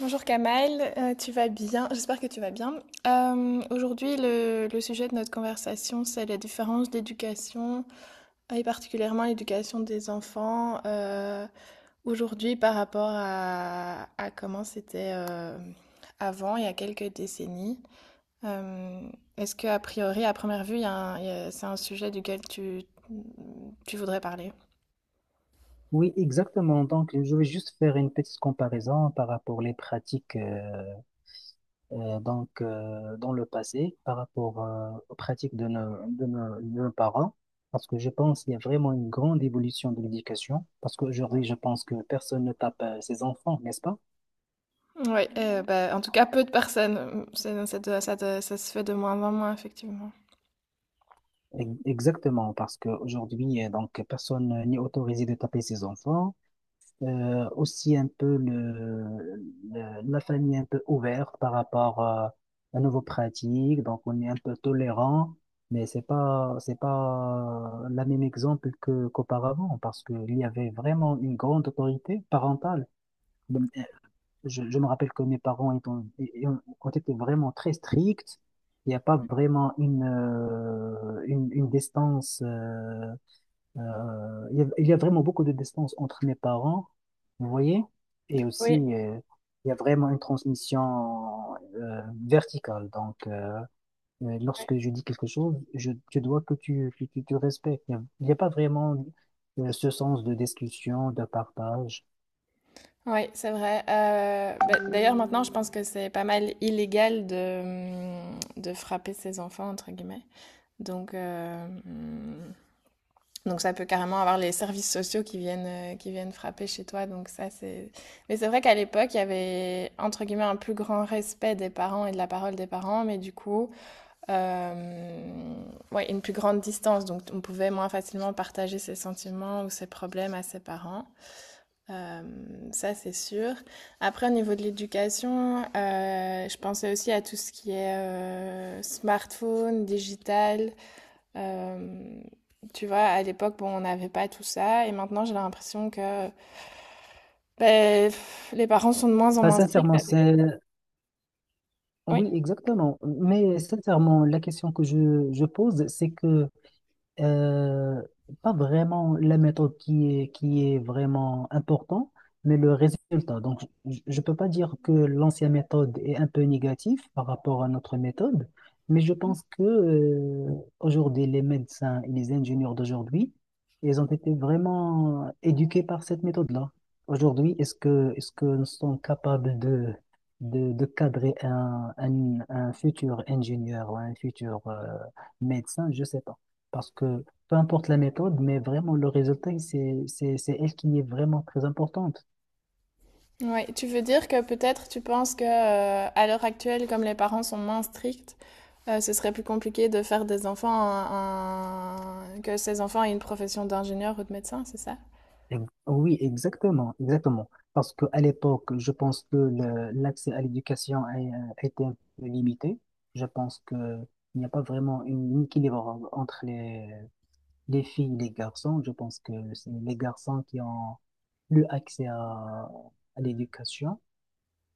Bonjour Kamal, tu vas bien? J'espère que tu vas bien. Aujourd'hui, le sujet de notre conversation, c'est la différence d'éducation, et particulièrement l'éducation des enfants aujourd'hui par rapport à comment c'était avant, il y a quelques décennies. Euh, Est-ce que, a priori, à première vue, il y a un- il y a- c'est un sujet duquel tu voudrais parler? Oui, exactement. Donc, je vais juste faire une petite comparaison par rapport les pratiques dans le passé, par rapport aux pratiques de nos parents, parce que je pense qu'il y a vraiment une grande évolution de l'éducation, parce qu'aujourd'hui, je pense que personne ne tape ses enfants, n'est-ce pas? Oui, bah, en tout cas, peu de personnes. Ça se fait de moins en moins, effectivement. Exactement, parce qu'aujourd'hui, personne n'est autorisé de taper ses enfants. Aussi un peu la famille est un peu ouverte par rapport à nouveaux pratiques, donc on est un peu tolérant, mais c'est pas la même exemple que qu'auparavant parce qu'il y avait vraiment une grande autorité parentale. Je me rappelle que mes parents ont été vraiment très stricts. Il n'y a pas vraiment une distance il y a vraiment beaucoup de distance entre mes parents, vous voyez, et aussi Oui. Il y a vraiment une transmission verticale. Donc, Ouais, lorsque je dis quelque chose, je dois que tu respectes. Il y a pas vraiment ce sens de discussion, de partage. ouais, c'est vrai. Bah, d'ailleurs, maintenant, je pense que c'est pas mal illégal de frapper ses enfants, entre guillemets. Donc, euh, hum, donc ça peut carrément avoir les services sociaux qui viennent frapper chez toi. Donc ça, c'est… Mais c'est vrai qu'à l'époque, il y avait, entre guillemets, un plus grand respect des parents et de la parole des parents, mais du coup, euh, ouais, une plus grande distance. Donc, on pouvait moins facilement partager ses sentiments ou ses problèmes à ses parents. Euh, Ça, c'est sûr. Après, au niveau de l'éducation, je pensais aussi à tout ce qui est smartphone, digital. Euh, Tu vois, à l'époque, bon, on n'avait pas tout ça. Et maintenant, j'ai l'impression que ben, pff, les parents sont de moins en Enfin, moins stricts sincèrement, avec. c'est... Oui. Oui, exactement. Mais sincèrement, la question que je pose, c'est que Euh, pas vraiment la méthode qui est vraiment importante, mais le résultat. Donc, je ne peux pas dire que l'ancienne méthode est un peu négative par rapport à notre méthode, mais je pense que aujourd'hui, les médecins et les ingénieurs d'aujourd'hui, ils ont été vraiment éduqués par cette méthode-là. Aujourd'hui, est-ce que nous sommes capables de cadrer un futur ingénieur ou un futur médecin? Je ne sais pas. Parce que peu importe la méthode, mais vraiment le résultat, c'est elle qui est vraiment très importante. Ouais. Tu veux dire que peut-être tu penses que à l'heure actuelle, comme les parents sont moins stricts, ce serait plus compliqué de faire des enfants que ces enfants aient une profession d'ingénieur ou de médecin, c'est ça? Oui, exactement, exactement. Parce qu'à l'époque, je pense que l'accès à l'éducation a été un peu limité. Je pense qu'il n'y a pas vraiment un équilibre entre les filles, les garçons, je pense que c'est les garçons qui ont plus accès à l'éducation,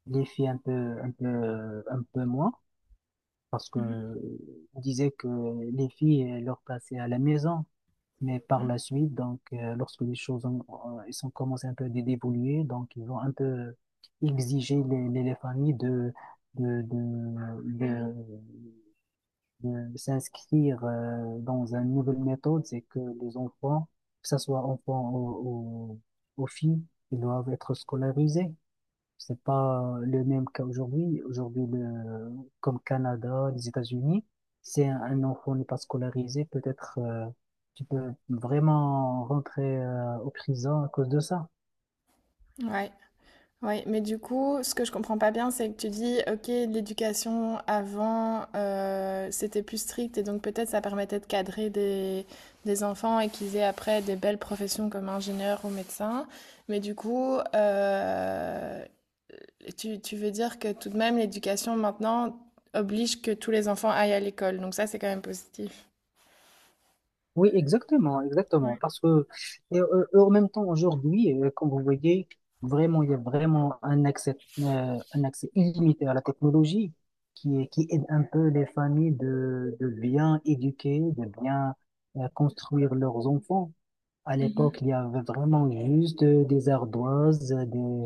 les filles un peu moins, parce que on disait que les filles leur passaient à la maison, mais par la suite, donc lorsque les choses elles ont commencé un peu à d'évoluer, donc ils ont un peu exigé les familles de, de, de- de s'inscrire dans une nouvelle méthode, c'est que les enfants, que ce soit enfants ou filles, ils doivent être scolarisés. C'est pas le même cas aujourd'hui. Aujourd'hui, le, comme Canada, les États-Unis, si un enfant n'est pas scolarisé, peut-être tu peux vraiment rentrer au prison à cause de ça. Ouais. Oui, mais du coup, ce que je comprends pas bien, c'est que tu dis, ok, l'éducation avant, c'était plus strict et donc peut-être ça permettait de cadrer des enfants et qu'ils aient après des belles professions comme ingénieur ou médecin. Mais du coup, tu veux dire que tout de même, l'éducation maintenant oblige que tous les enfants aillent à l'école. Donc ça, c'est quand même positif. Oui, exactement, exactement. Parce que, et en même temps, aujourd'hui, comme vous voyez, vraiment, il y a vraiment un un accès illimité à la technologie qui aide un peu les familles de bien éduquer, de bien, construire leurs enfants. À Mhm, l'époque, il y avait vraiment juste des ardoises,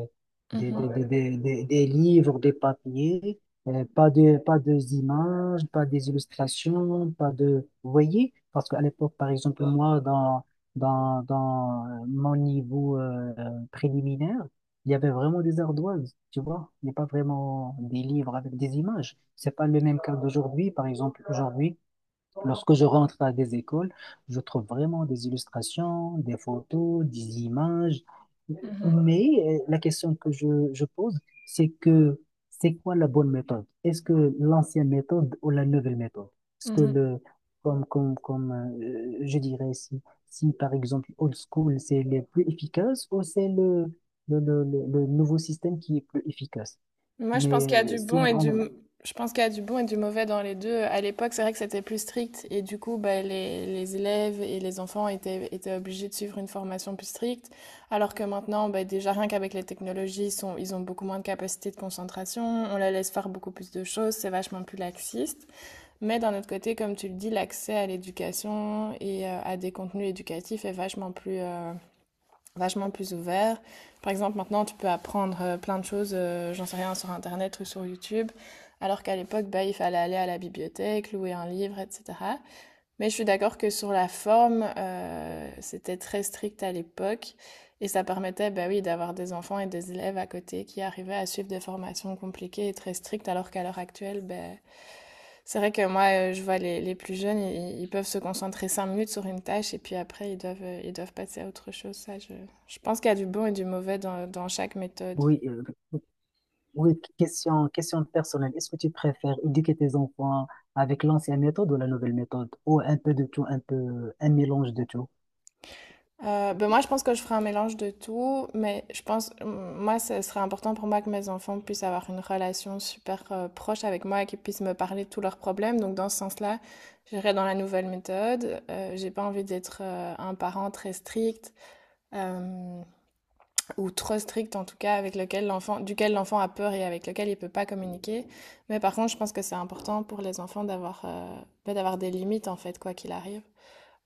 des, Ouais. Des livres, des papiers, pas de, pas de images, pas des illustrations, pas de... Vous voyez? Parce qu'à l'époque, par exemple, moi, dans mon niveau préliminaire, il y avait vraiment des ardoises, tu vois? Il n'y a pas vraiment des livres avec des images. C'est pas le même cas d'aujourd'hui, par exemple, aujourd'hui. Lorsque je rentre à des écoles, je trouve vraiment des illustrations, des photos, des images. mhm, Mais la question que je pose, c'est que c'est quoi la bonne méthode? Est-ce que l'ancienne méthode ou la nouvelle méthode? Est-ce mhm, que mhm. le, comme je dirais, si, si par exemple old school, c'est le plus efficace ou c'est le nouveau système qui est plus efficace? Moi, je pense Mais qu'il y a du si bon et on, je pense qu'il y a du bon et du mauvais dans les deux. À l'époque, c'est vrai que c'était plus strict et du coup, bah, les élèves et les enfants étaient obligés de suivre une formation plus stricte, alors que maintenant, bah, déjà rien qu'avec les technologies, ils ont beaucoup moins de capacité de concentration, on les laisse faire beaucoup plus de choses, c'est vachement plus laxiste. Mais d'un autre côté, comme tu le dis, l'accès à l'éducation et à des contenus éducatifs est vachement plus ouvert. Par exemple, maintenant, tu peux apprendre plein de choses, j'en sais rien, sur Internet ou sur YouTube, alors qu'à l'époque, bah, il fallait aller à la bibliothèque, louer un livre, etc. Mais je suis d'accord que sur la forme, c'était très strict à l'époque, et ça permettait, bah oui, d'avoir des enfants et des élèves à côté qui arrivaient à suivre des formations compliquées et très strictes, alors qu'à l'heure actuelle, bah, c'est vrai que moi, je vois les plus jeunes, ils peuvent se concentrer 5 minutes sur une tâche et puis après, ils doivent passer à autre chose. Je pense qu'il y a du bon et du mauvais dans, dans chaque méthode. oui, Oui, question personnelle. Est-ce que tu préfères éduquer tes enfants avec l'ancienne méthode ou la nouvelle méthode? Ou un peu de tout, un peu, un mélange de tout, Ben moi, je pense que je ferai un mélange de tout, mais je pense, moi, ce serait important pour moi que mes enfants puissent avoir une relation super proche avec moi et qu'ils puissent me parler de tous leurs problèmes. Donc, dans ce sens-là, j'irai dans la nouvelle méthode. J'ai pas envie d'être un parent très strict. Euh, ou trop strict en tout cas, avec lequel l'enfant, duquel l'enfant a peur et avec lequel il ne peut pas communiquer. Mais par contre, je pense que c'est important pour les enfants d'avoir bah, d'avoir des limites en fait, quoi qu'il arrive.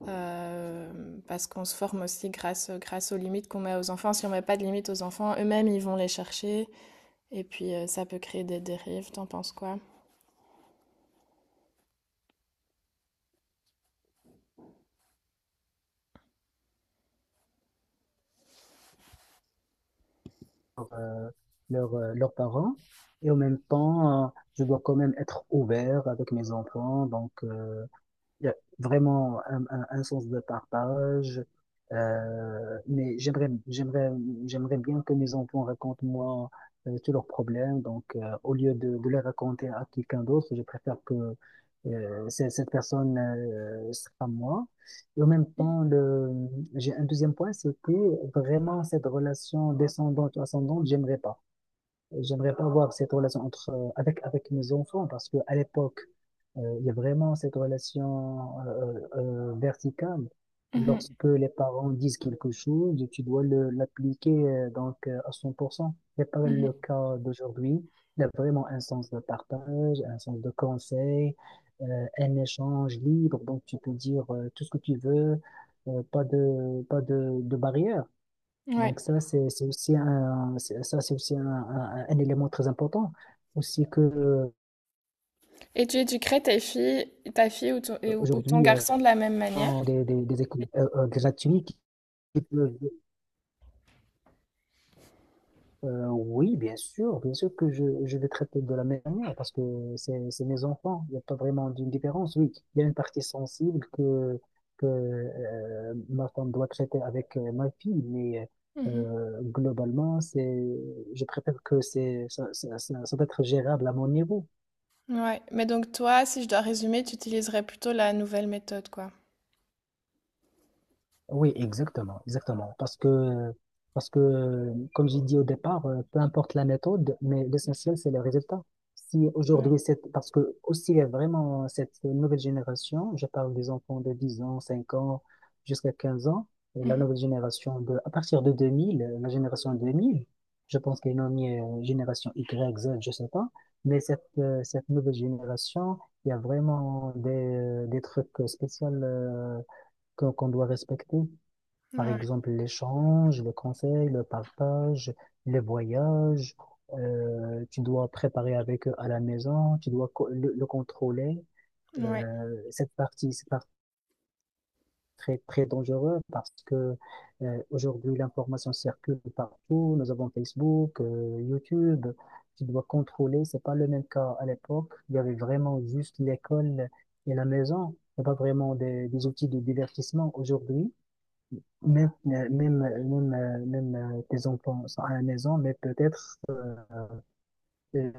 Euh, Parce qu'on se forme aussi grâce aux limites qu'on met aux enfants. Si on ne met pas de limites aux enfants, eux-mêmes, ils vont les chercher. Et puis, ça peut créer des dérives. T'en penses quoi? euh, leurs parents. Et en même temps, je dois quand même être ouvert avec mes enfants. Donc, il y a vraiment un sens de partage. Euh, mais j'aimerais, j'aimerais, J'aimerais bien que mes enfants racontent moi tous leurs problèmes. Donc, de les raconter à quelqu'un d'autre, je préfère que cette personne sera moi. Et en même temps, le, j'ai un deuxième point, c'est que vraiment cette relation descendante-ascendante, j'aimerais pas. J'aimerais pas avoir cette relation entre, avec mes enfants parce que à l'époque, il y a vraiment cette relation verticale. Mhm, Lorsque les parents disent quelque chose, tu dois l'appliquer à 100% n'est pas le mhm. cas d'aujourd'hui. Il y a vraiment un sens de partage, un sens de conseil, un échange libre. Donc tu peux dire tout ce que tu veux, pas de pas de, de barrière. Ouais. Donc ça, c'est aussi un, c'est aussi un élément très important. Aussi que Et tu éduquerais tes filles, ta fille ou ou ton aujourd'hui, garçon de la même manière? on des écoles gratuites qui peuvent... Oui, bien sûr que je vais traiter de la même manière parce que c'est mes enfants. Il n'y a pas vraiment d'une différence. Oui, il y a une partie sensible que ma femme doit traiter avec ma fille, mais Mhm. Globalement, je préfère que c'est, ça doit être gérable à mon niveau. Ouais, mais donc toi, si je dois résumer, tu utiliserais plutôt la nouvelle méthode, quoi. Oui, exactement, exactement. Parce que, comme j'ai dit au départ, peu importe la méthode, mais l'essentiel, c'est le résultat. Si aujourd'hui, c'est parce que aussi il y a vraiment cette nouvelle génération, je parle des enfants de 10 ans, 5 ans, jusqu'à 15 ans, et la Mhm. nouvelle génération de, à partir de 2000, la génération 2000. Je pense qu'elle est nommée génération Y, Z, je sais pas, mais cette nouvelle génération, il y a vraiment des trucs spéciaux, qu'on doit respecter. Par Ouais, exemple, l'échange, le conseil, le partage, les voyages. Tu dois préparer avec eux à la maison, tu dois le contrôler. ouais, Cette partie, c'est très, très dangereux parce que aujourd'hui, l'information circule partout. Nous avons Facebook, YouTube. Tu dois contrôler. C'est pas le même cas à l'époque. Il y avait vraiment juste l'école et la maison. Il n'y a pas vraiment des outils de divertissement aujourd'hui. Même, même, même, même Tes enfants sont à la maison, mais peut-être euh,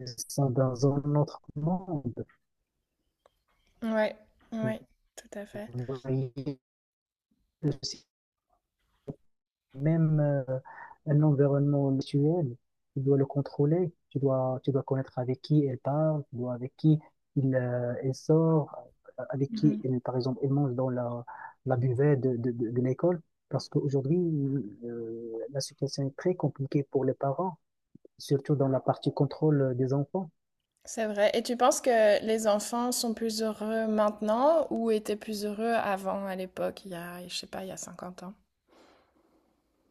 ils sont dans un autre monde. ouais, ouais, tout à fait. Vous voyez, c'est même un environnement virtuel, tu dois le contrôler, tu dois connaître avec qui elle parle, tu dois avec qui elle sort, avec qui, Mhm. elle, par exemple, elle mange dans la, la buvette de l'école. Parce qu'aujourd'hui, la situation est très compliquée pour les parents, surtout dans la partie contrôle des enfants. C'est vrai. Et tu penses que les enfants sont plus heureux maintenant ou étaient plus heureux avant, à l'époque, il y a, je sais pas, il y a 50 ans?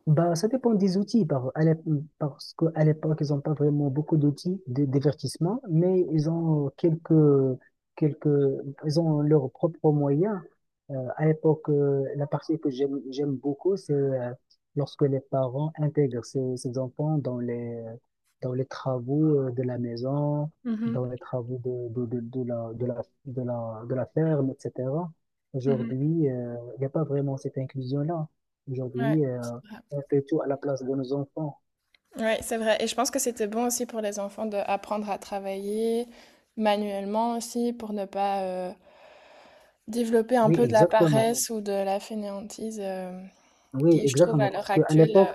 Bah, ça dépend des outils, parce qu'à l'époque, ils n'ont pas vraiment beaucoup d'outils de divertissement, mais ils ont quelques, ils ont leurs propres moyens. À l'époque, la partie que j'aime beaucoup, c'est lorsque les parents intègrent ces enfants dans les travaux de la maison, dans Mhm, les travaux de la, de la, de la, de la ferme, etc. mhm. Aujourd'hui, il n'y a pas vraiment cette inclusion-là. Ouais, Aujourd'hui, c'est vrai. on fait tout à la place de nos enfants. Ouais, c'est vrai. Et je pense que c'était bon aussi pour les enfants d'apprendre à travailler manuellement aussi pour ne pas développer un Oui, peu de la exactement. paresse ou de la fainéantise. Oui, Qui, je trouve, à exactement. l'heure Parce qu'à actuelle, l'époque,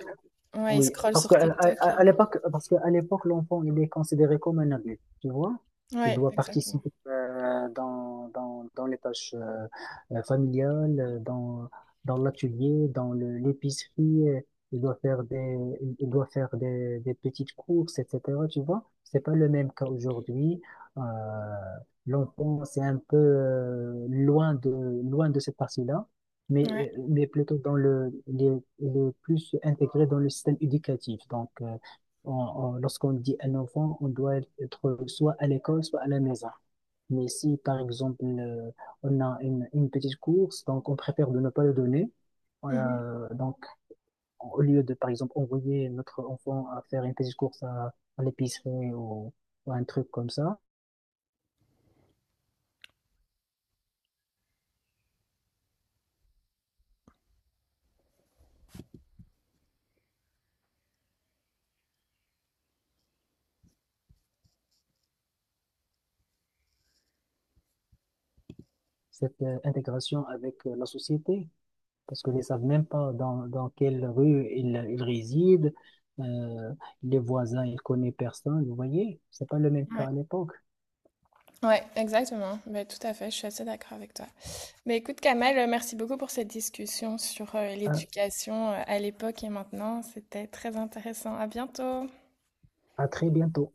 ouais, ils oui, scrollent parce sur qu'TikTok à et… l'époque, parce qu'à l'époque, l'enfant, il est considéré comme un adulte, tu vois. Il Ouais, doit exactement. participer dans les tâches familiales, dans l'atelier, dans l'épicerie. Il doit faire des, il doit faire des petites courses, etc. Tu vois, c'est pas le même cas aujourd'hui. Euh, L'enfant, c'est un peu loin de cette partie-là, mais, Ouais. Plutôt dans le, il est plus intégré dans le système éducatif. Donc, lorsqu'on dit un enfant, on doit être soit à l'école, soit à la maison. Mais si, par exemple, on a une petite course, donc on préfère de ne pas le donner. Mhm. Euh, donc, Au lieu de, par exemple, envoyer notre enfant à faire une petite course à l'épicerie ou un truc comme ça, cette intégration avec la société, parce qu'ils ne savent même pas dans quelle rue ils résident, euh, les voisins, ils ne connaissent personne, vous voyez, c'est pas le même cas Ouais. à l'époque. Ouais, exactement. Mais tout à fait, je suis assez d'accord avec toi. Mais écoute, Kamel, merci beaucoup pour cette discussion sur À, l'éducation à l'époque et maintenant. C'était très intéressant. À bientôt. à très bientôt.